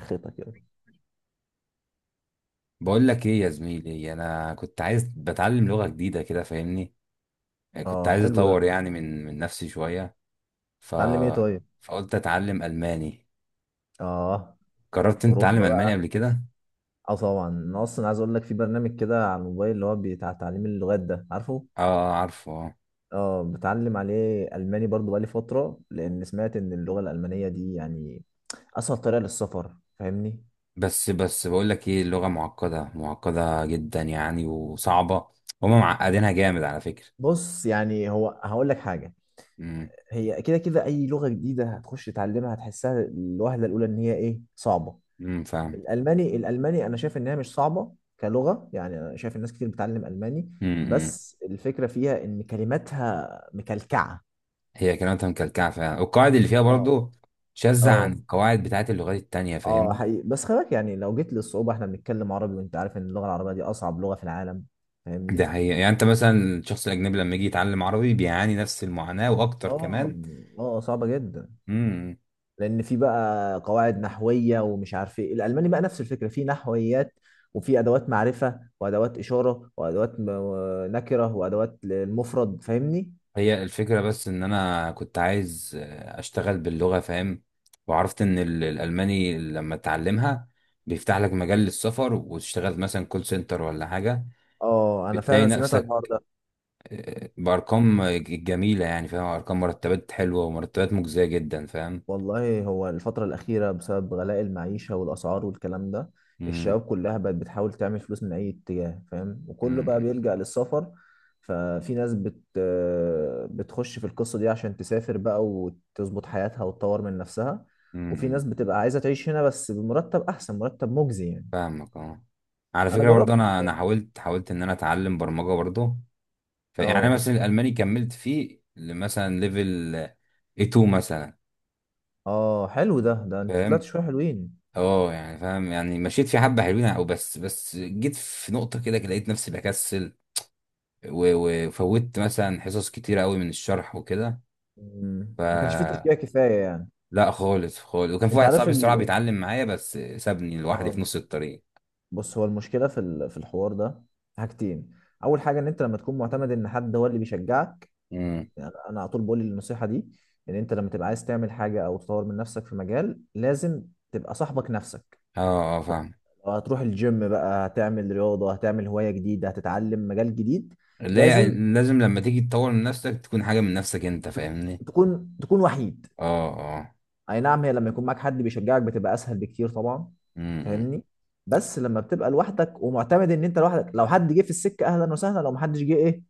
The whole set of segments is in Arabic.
خيطة كده. بقول لك ايه يا زميلي؟ انا كنت عايز بتعلم لغة جديدة كده فاهمني. كنت اه، عايز حلو ده. اطور يعني من نفسي شوية. ف... اتعلم ايه طيب؟ فقلت اتعلم الماني. اه، جربت انت تتعلم اوروبا الماني بقى. قبل كده؟ اه طبعا، انا اصلا عايز اقول لك في برنامج كده على الموبايل اللي هو بتاع تعليم اللغات ده، عارفه؟ اه، آه، عارفه، آه. اه، بتعلم عليه الماني برضو بقالي فتره، لان سمعت ان اللغه الالمانيه دي يعني اسهل طريقه للسفر، فاهمني؟ بس بقول لك ايه، اللغة معقدة معقدة جدا يعني وصعبة. هما معقدينها جامد على فكرة. بص، يعني هقول لك حاجه. امم. هي كده كده اي لغه جديده هتخش تتعلمها هتحسها الوهله الاولى ان هي ايه؟ صعبه. امم. فاهم. الالماني انا شايف انها مش صعبه كلغه. يعني انا شايف الناس كتير بتتعلم الماني، امم. بس الفكره فيها ان كلماتها مكلكعه. هي كلماتها مكلكعة فعلا، والقواعد اللي فيها اه، برضو شاذة عن اه، القواعد بتاعت اللغات التانية اه فاهمني. حقيقي. بس خلي بالك يعني لو جيت للصعوبه، احنا بنتكلم عربي وانت عارف ان اللغه العربيه دي اصعب لغه في العالم، ده فاهمني؟ حقيقة، يعني انت مثلا الشخص الاجنبي لما يجي يتعلم عربي بيعاني نفس المعاناة واكتر اه، كمان. اه صعبه جدا. امم. لان في بقى قواعد نحويه ومش عارف ايه، الالماني بقى نفس الفكره، في نحويات وفي ادوات معرفه وادوات اشاره نكره وادوات للمفرد، فاهمني؟ هي الفكرة بس ان انا كنت عايز، اشتغل باللغة فاهم. وعرفت ان الالماني لما تتعلمها بيفتح لك مجال للسفر، وتشتغل مثلا كول سنتر ولا حاجة. اه، انا بتلاقي فعلا سمعت عن الحوار نفسك، ده. بارقام جميلة يعني، فاهم، ارقام مرتبات حلوة ومرتبات مجزية جدا فاهم. والله هو الفتره الاخيره بسبب غلاء المعيشه والاسعار والكلام ده، امم. الشباب كلها بقت بتحاول تعمل فلوس من اي اتجاه، فاهم؟ وكله بقى بيلجأ للسفر. ففي ناس بت آه، بتخش في القصه دي عشان تسافر بقى وتظبط حياتها وتطور من نفسها، وفي امم. ناس بتبقى عايزه تعيش هنا بس بمرتب احسن، مرتب مجزي يعني. فاهمك، اه. على انا فكرة برضه، جربت انا والله. حاولت ان انا اتعلم برمجة برضه. فيعني انا اه، مثلا الالماني كملت فيه مثلا ليفل A2 مثلا، اه، حلو ده. ده انت طلعت فاهم. شويه حلوين. اه يعني فاهم، يعني مشيت في حبة حلوين، او بس جيت في نقطة كده كده لقيت نفسي بكسل. وفوتت مثلا حصص كتيرة قوي من الشرح وكده. مم. ف ما كانش فيه تشجيع كفايه يعني. لا، خالص خالص، وكان في انت واحد عارف صاحبي الصراحة ال... بيتعلم معايا بس سابني لوحدي اه، في نص الطريق. بص، هو المشكله في الحوار ده حاجتين. اول حاجه ان انت لما تكون معتمد ان حد هو اللي بيشجعك. امم. يعني انا على طول بقول النصيحه دي، ان انت لما تبقى عايز تعمل حاجه او تطور من نفسك في مجال، لازم تبقى صاحبك نفسك. اه، اه، فاهم. لو هتروح الجيم بقى، هتعمل رياضه، هتعمل هوايه جديده، هتتعلم مجال جديد، لا، لازم لازم لما تيجي تطور من نفسك تكون حاجة من نفسك انت فاهمني. تكون وحيد. اه، اه. اي نعم، هي لما يكون معاك حد بيشجعك بتبقى اسهل بكتير طبعا، امم. فاهمني؟ بس لما بتبقى لوحدك ومعتمد ان انت لوحدك، لو حد جه في السكه اهلا وسهلا، لو محدش جه ايه،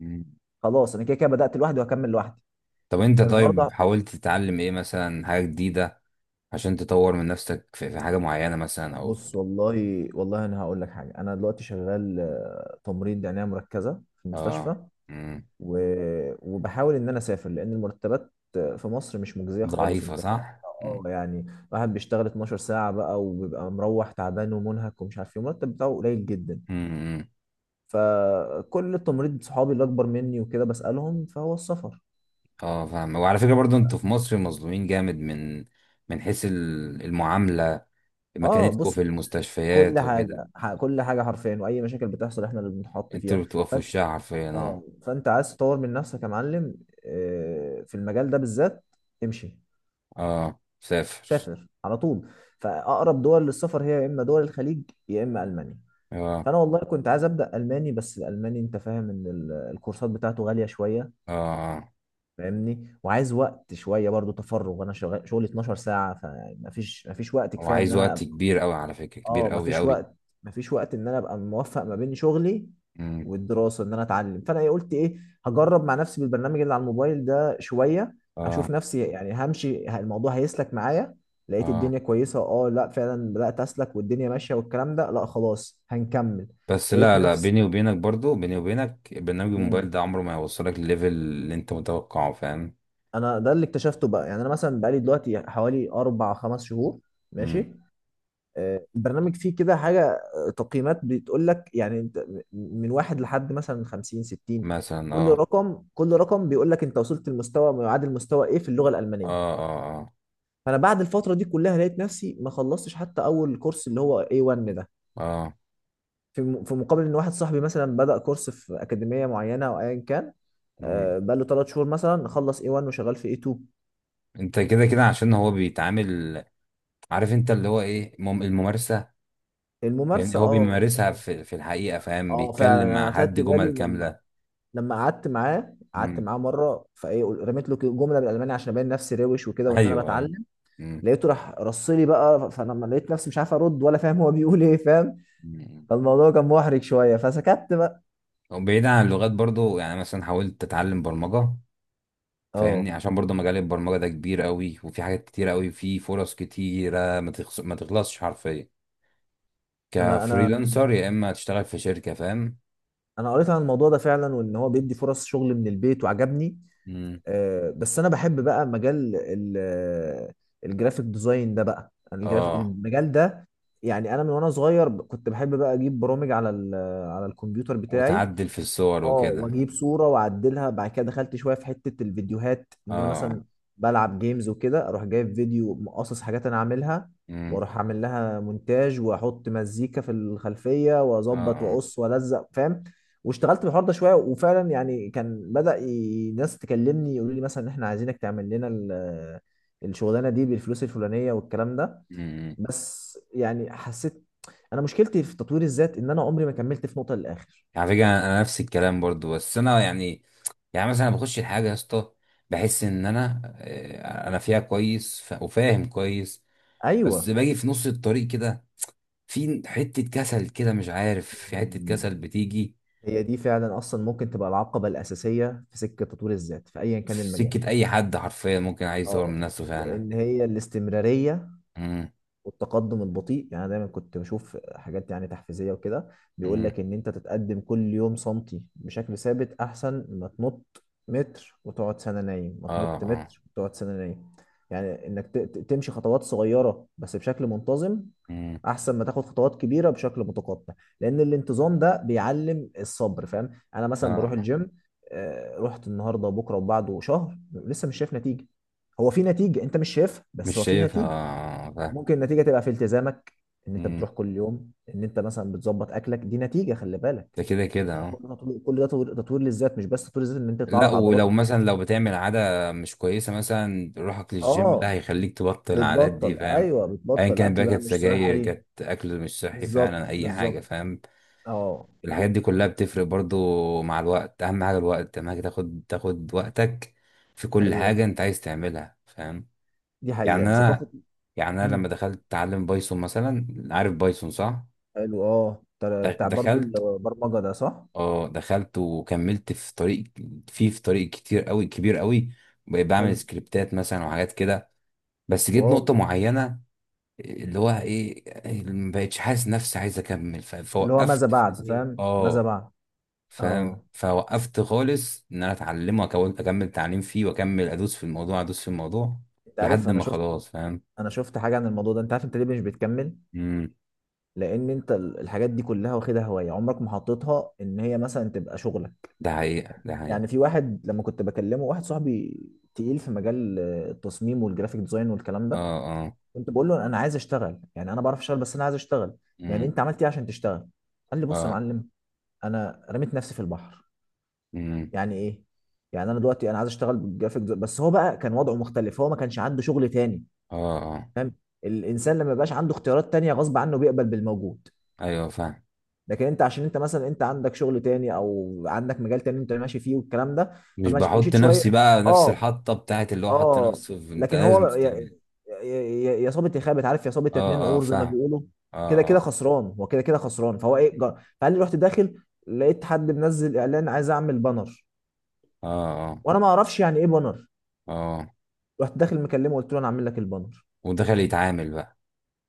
امم. خلاص، انا كده كده بدات لوحدي وهكمل لوحدي. طب انت، كان الحوار ده. طيب حاولت تتعلم ايه مثلا، حاجة جديدة عشان تطور من نفسك في، في حاجة معينة مثلا او في؟ بص، والله والله انا هقول لك حاجه. انا دلوقتي شغال تمريض عنايه مركزه في اه. المستشفى، امم. و... وبحاول ان انا اسافر، لان المرتبات في مصر مش مجزيه خالص، ضعيفة انت فاهم؟ صح. اه امم. يعني، واحد بيشتغل 12 ساعه بقى وبيبقى مروح تعبان ومنهك ومش عارف ايه، المرتب بتاعه قليل جدا. امم. فكل التمريض صحابي اللي اكبر مني وكده بسالهم فهو السفر. اه، فاهم. وعلى فكرة برضو انتوا في مصر مظلومين جامد من حيث المعاملة، اه، مكانتكم بص، في المستشفيات وكده. كل حاجه حرفيا واي مشاكل بتحصل احنا اللي بنتحط انتوا فيها. اللي بتبقوا في وشها حرفيا، اه، اه. فانت عايز تطور من نفسك يا معلم في المجال ده بالذات، امشي، اه، سافر. سافر على طول. فاقرب دول للسفر هي يا اما دول الخليج يا اما المانيا. اه، فانا والله كنت عايز ابدا الماني، بس الالماني انت فاهم ان الكورسات بتاعته غاليه شويه، اه، آه. فاهمني؟ وعايز وقت شويه برضو تفرغ، انا شغال شغلي 12 ساعه، فمفيش وقت هو كفايه ان عايز انا، وقت كبير قوي على فكرة، كبير اه قوي مفيش قوي. وقت، مفيش وقت ان انا ابقى موفق ما بين شغلي امم. والدراسه ان انا اتعلم. فانا إيه قلت ايه، هجرب مع نفسي بالبرنامج اللي على الموبايل ده شويه، اه، اشوف نفسي. يعني همشي، الموضوع هيسلك معايا، لقيت اه، الدنيا كويسه اه، لا فعلا بدات اسلك والدنيا ماشيه والكلام ده، لا خلاص هنكمل. بس لقيت لا، لا، نفسي، بيني وبينك برضو، بيني وبينك، برنامج الموبايل مم. ده عمره ما هيوصلك لليفل اللي انت متوقعه، فاهم. انا ده اللي اكتشفته بقى. يعني انا مثلا بقالي دلوقتي حوالي 4 5 شهور امم. ماشي. البرنامج فيه كده حاجة، تقييمات بتقول لك يعني انت من واحد لحد مثلا 50 60، مثلا كل اه. رقم، كل رقم بيقول لك انت وصلت لمستوى ما يعادل مستوى ايه في اللغة اه. الألمانية. اه. فأنا بعد الفترة دي كلها لقيت نفسي ما خلصتش حتى أول كورس اللي هو A1 ده، اه، آه. في مقابل إن واحد صاحبي مثلا بدأ كورس في أكاديمية معينة أو أيا كان، مم. بقى له 3 شهور مثلا خلص A1 وشغال في A2. انت كده كده عشان هو بيتعامل، عارف انت اللي هو ايه، الممارسة. يعني الممارسة، هو اه بيمارسها اه. في، في الحقيقة، فاهم، فعلا بيتكلم أنا مع حد أخدت جمل بالي. كاملة. لما قعدت معاه قعدت مم. معاه مره، فايه رميت له جمله بالالماني عشان ابين نفسي روش وكده وان انا ايوه، ايوه. بتعلم. مم. لقيته راح رصلي بقى، فلما لقيت نفسي مش عارف ارد ولا فاهم هو بيقول ايه، فاهم؟ امم. فالموضوع كان محرج شويه فسكت بقى. وبعيد عن اللغات برضو، يعني مثلا حاولت اتعلم برمجة فاهمني، اه، عشان برضه مجال البرمجة ده كبير قوي، وفي حاجات كتير قوي، في فرص كتيرة ما تخص... ما تخلصش حرفيا، انا كفريلانسر يا اما تشتغل في شركة، فاهم. انا قريت عن الموضوع ده فعلا، وان هو بيدي فرص شغل من البيت وعجبني. امم. بس انا بحب بقى مجال الجرافيك ديزاين ده بقى، أنا الجراف اه. المجال ده. يعني انا من وانا صغير كنت بحب بقى اجيب برامج على الكمبيوتر بتاعي. وتعدل في الصور اه، وكده. واجيب صوره واعدلها. بعد كده دخلت شويه في حته الفيديوهات، ان انا اه. مثلا بلعب جيمز وكده اروح جايب فيديو مقصص حاجات انا عاملها، امم. واروح اعمل لها مونتاج واحط مزيكا في الخلفيه اه. واظبط اه. واقص والزق، فاهم؟ واشتغلت في الحوار ده شويه، وفعلا يعني كان بدأ ناس تكلمني يقولوا لي مثلا ان احنا عايزينك تعمل لنا الشغلانه دي بالفلوس الفلانيه والكلام ده. امم. بس يعني حسيت، انا مشكلتي في تطوير الذات ان انا عمري ما كملت في نقطه للاخر. على فكرة انا، نفس الكلام برضه، بس انا يعني، يعني مثلا بخش الحاجة يا اسطى، بحس ان انا، انا فيها كويس، وفاهم كويس. بس ايوه، باجي في نص الطريق كده، في حتة كسل كده، مش عارف، في حتة مم. كسل بتيجي. هي دي فعلا اصلا ممكن تبقى العقبه الاساسيه في سكه تطوير الذات في ايا كان في المجال. سكة أي حد حرفيا ممكن عايز يطور من اه، نفسه فعلا. لان هي الاستمراريه مم. والتقدم البطيء. يعني أنا دايما كنت بشوف حاجات يعني تحفيزيه وكده، بيقول مم. لك ان انت تتقدم كل يوم سنتي بشكل ثابت احسن ما تنط متر وتقعد سنه نايم، ما اه، تنط اه. متر وتقعد سنه نايم. يعني انك تمشي خطوات صغيره بس بشكل منتظم مم. احسن ما تاخد خطوات كبيره بشكل متقطع، لان الانتظام ده بيعلم الصبر، فاهم؟ انا اه، مثلا بروح آه. الجيم، رحت النهارده وبكره وبعده شهر لسه مش شايف نتيجه. هو في نتيجه انت مش شايفها، مش بس هو في شايفها، نتيجه. آه، فاهم. ممكن النتيجه تبقى في التزامك، ان انت مم. بتروح كل يوم، ان انت مثلا بتظبط اكلك، دي نتيجه، خلي بالك. ده كده كده، ده اه. كل ده تطوير، كل ده تطوير، تطوير للذات، مش بس تطوير للذات ان انت يطلع لا، لك عضلات. ولو مثلا لو بتعمل عادة مش كويسة، مثلا روحك للجيم ده اه، هيخليك تبطل العادات دي، بتبطل، فاهم. ايوه أيا بتبطل كان اكل بقى، بقى كانت مش سجاير، صحي. كانت أكل مش صحي، بالظبط، فعلا أي حاجة، بالظبط. فاهم. اه، الحاجات دي كلها بتفرق برضو مع الوقت، أهم حاجة الوقت، أهم حاجة تاخد وقتك في كل حاجة ايوه، أنت عايز تعملها، فاهم. دي يعني حقيقه ثقافه. انا، لما امم. دخلت اتعلم بايثون مثلا، عارف بايثون صح؟ حلو، اه، بتاع بتاع برضو دخلت، البرمجه ده صح. اه، دخلت وكملت في طريق. فيه في طريق كتير قوي، كبير قوي. بقيت بعمل حلو. سكريبتات مثلا وحاجات كده. بس جيت واو. نقطة معينة، اللي هو ايه، ما بقتش حاسس نفسي عايز اكمل. اللي هو ماذا فوقفت في بعد، نفسي، فاهم؟ ماذا اه، بعد. فاهم. اه، فوقفت خالص ان انا اتعلمه، اكمل تعليم فيه واكمل ادوس في الموضوع، ادوس في الموضوع انت عارف لحد انا ما شفت، خلاص، فاهم. انا شفت حاجه عن الموضوع ده. انت عارف انت ليه مش بتكمل؟ امم. لان انت الحاجات دي كلها واخدها هوايه، عمرك ما حطيتها ان هي مثلا تبقى شغلك. ده حقيقة، ده يعني حقيقة. في واحد لما كنت بكلمه، واحد صاحبي تقيل في مجال التصميم والجرافيك ديزاين والكلام اه. ده، اه. كنت بقول له انا عايز اشتغل. يعني انا بعرف اشتغل بس انا عايز اشتغل. يعني امم. انت عملت ايه عشان تشتغل؟ قال لي بص يا اه. معلم، انا رميت نفسي في البحر. امم. يعني ايه؟ يعني انا دلوقتي انا عايز اشتغل بالجرافيك ديزاين، بس هو بقى كان وضعه مختلف، هو ما كانش عنده شغل تاني، اه، اه. فاهم؟ الانسان لما يبقاش عنده اختيارات تانية غصب عنه بيقبل بالموجود. ايوه، فاهم. لكن انت، عشان انت مثلا انت عندك شغل تاني او عندك مجال تاني انت ماشي فيه والكلام ده، مش فمشيت بحط شويه. نفسي بقى نفس اه، الحطه بتاعت اللي هو حط اه. نفسه في، انت لكن لازم هو، تتعمل. يا يا صابت يا خابت، عارف؟ يا صابت يا اتنين اه، اه، عور زي ما فاهم. بيقولوا. كده كده اه، خسران، هو كده كده خسران. فهو ايه، فقال لي رحت داخل، لقيت حد منزل اعلان عايز اعمل بانر، اه. اه، وانا ما اعرفش يعني ايه بانر. اه، اه. رحت داخل مكلمه قلت له انا اعمل لك البانر. ودخل يتعامل بقى.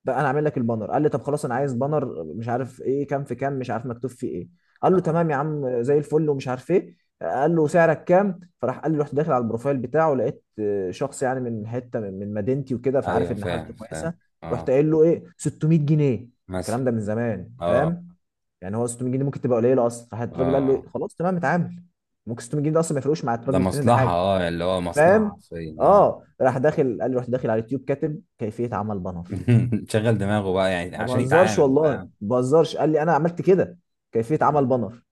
بقى انا عامل لك البانر. قال لي طب خلاص انا عايز بانر مش عارف ايه، كام في كام مش عارف مكتوب فيه ايه. قال اه، له اه. تمام يا عم زي الفل ومش عارف ايه. قال له سعرك كام؟ فراح قال لي رحت داخل على البروفايل بتاعه، لقيت شخص يعني من حته، من مدينتي وكده، فعارف ايوه، ان حالته فاهم، كويسه. فاهم، رحت اه. قايل له ايه، 600 جنيه. مثلا. الكلام ده من زمان، اه، فاهم؟ يعني هو 600 جنيه ممكن تبقى قليله اصلا. راح اه، الراجل قال له إيه؟ آه. خلاص تمام اتعامل. ممكن 600 جنيه ده اصلا ما يفرقوش مع ده الراجل التاني ده مصلحه، حاجه، اه، اللي هو مصلحه فاهم؟ حرفيا، اه. اه راح داخل. قال لي رحت داخل على اليوتيوب كاتب كيفيه عمل بانر. شغل دماغه بقى يعني ما عشان بهزرش يتعامل، والله ما فاهم. بهزرش. قال لي انا عملت كده، كيفيه عمل مم. بانر.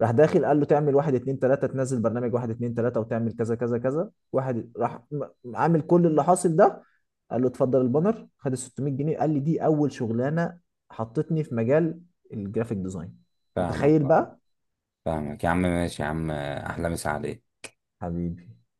راح داخل قال له تعمل واحد اتنين تلاته، تنزل برنامج واحد اتنين تلاته، وتعمل كذا كذا كذا. واحد راح م- عامل كل اللي حاصل ده. قال له اتفضل البانر، خد ال 600 جنيه. قال لي دي اول شغلانه حطتني في مجال الجرافيك ديزاين، فاهمك، متخيل اه. بقى؟ فاهمك يا عم، ماشي يا عم، احلى مسا عليك. حبيبي.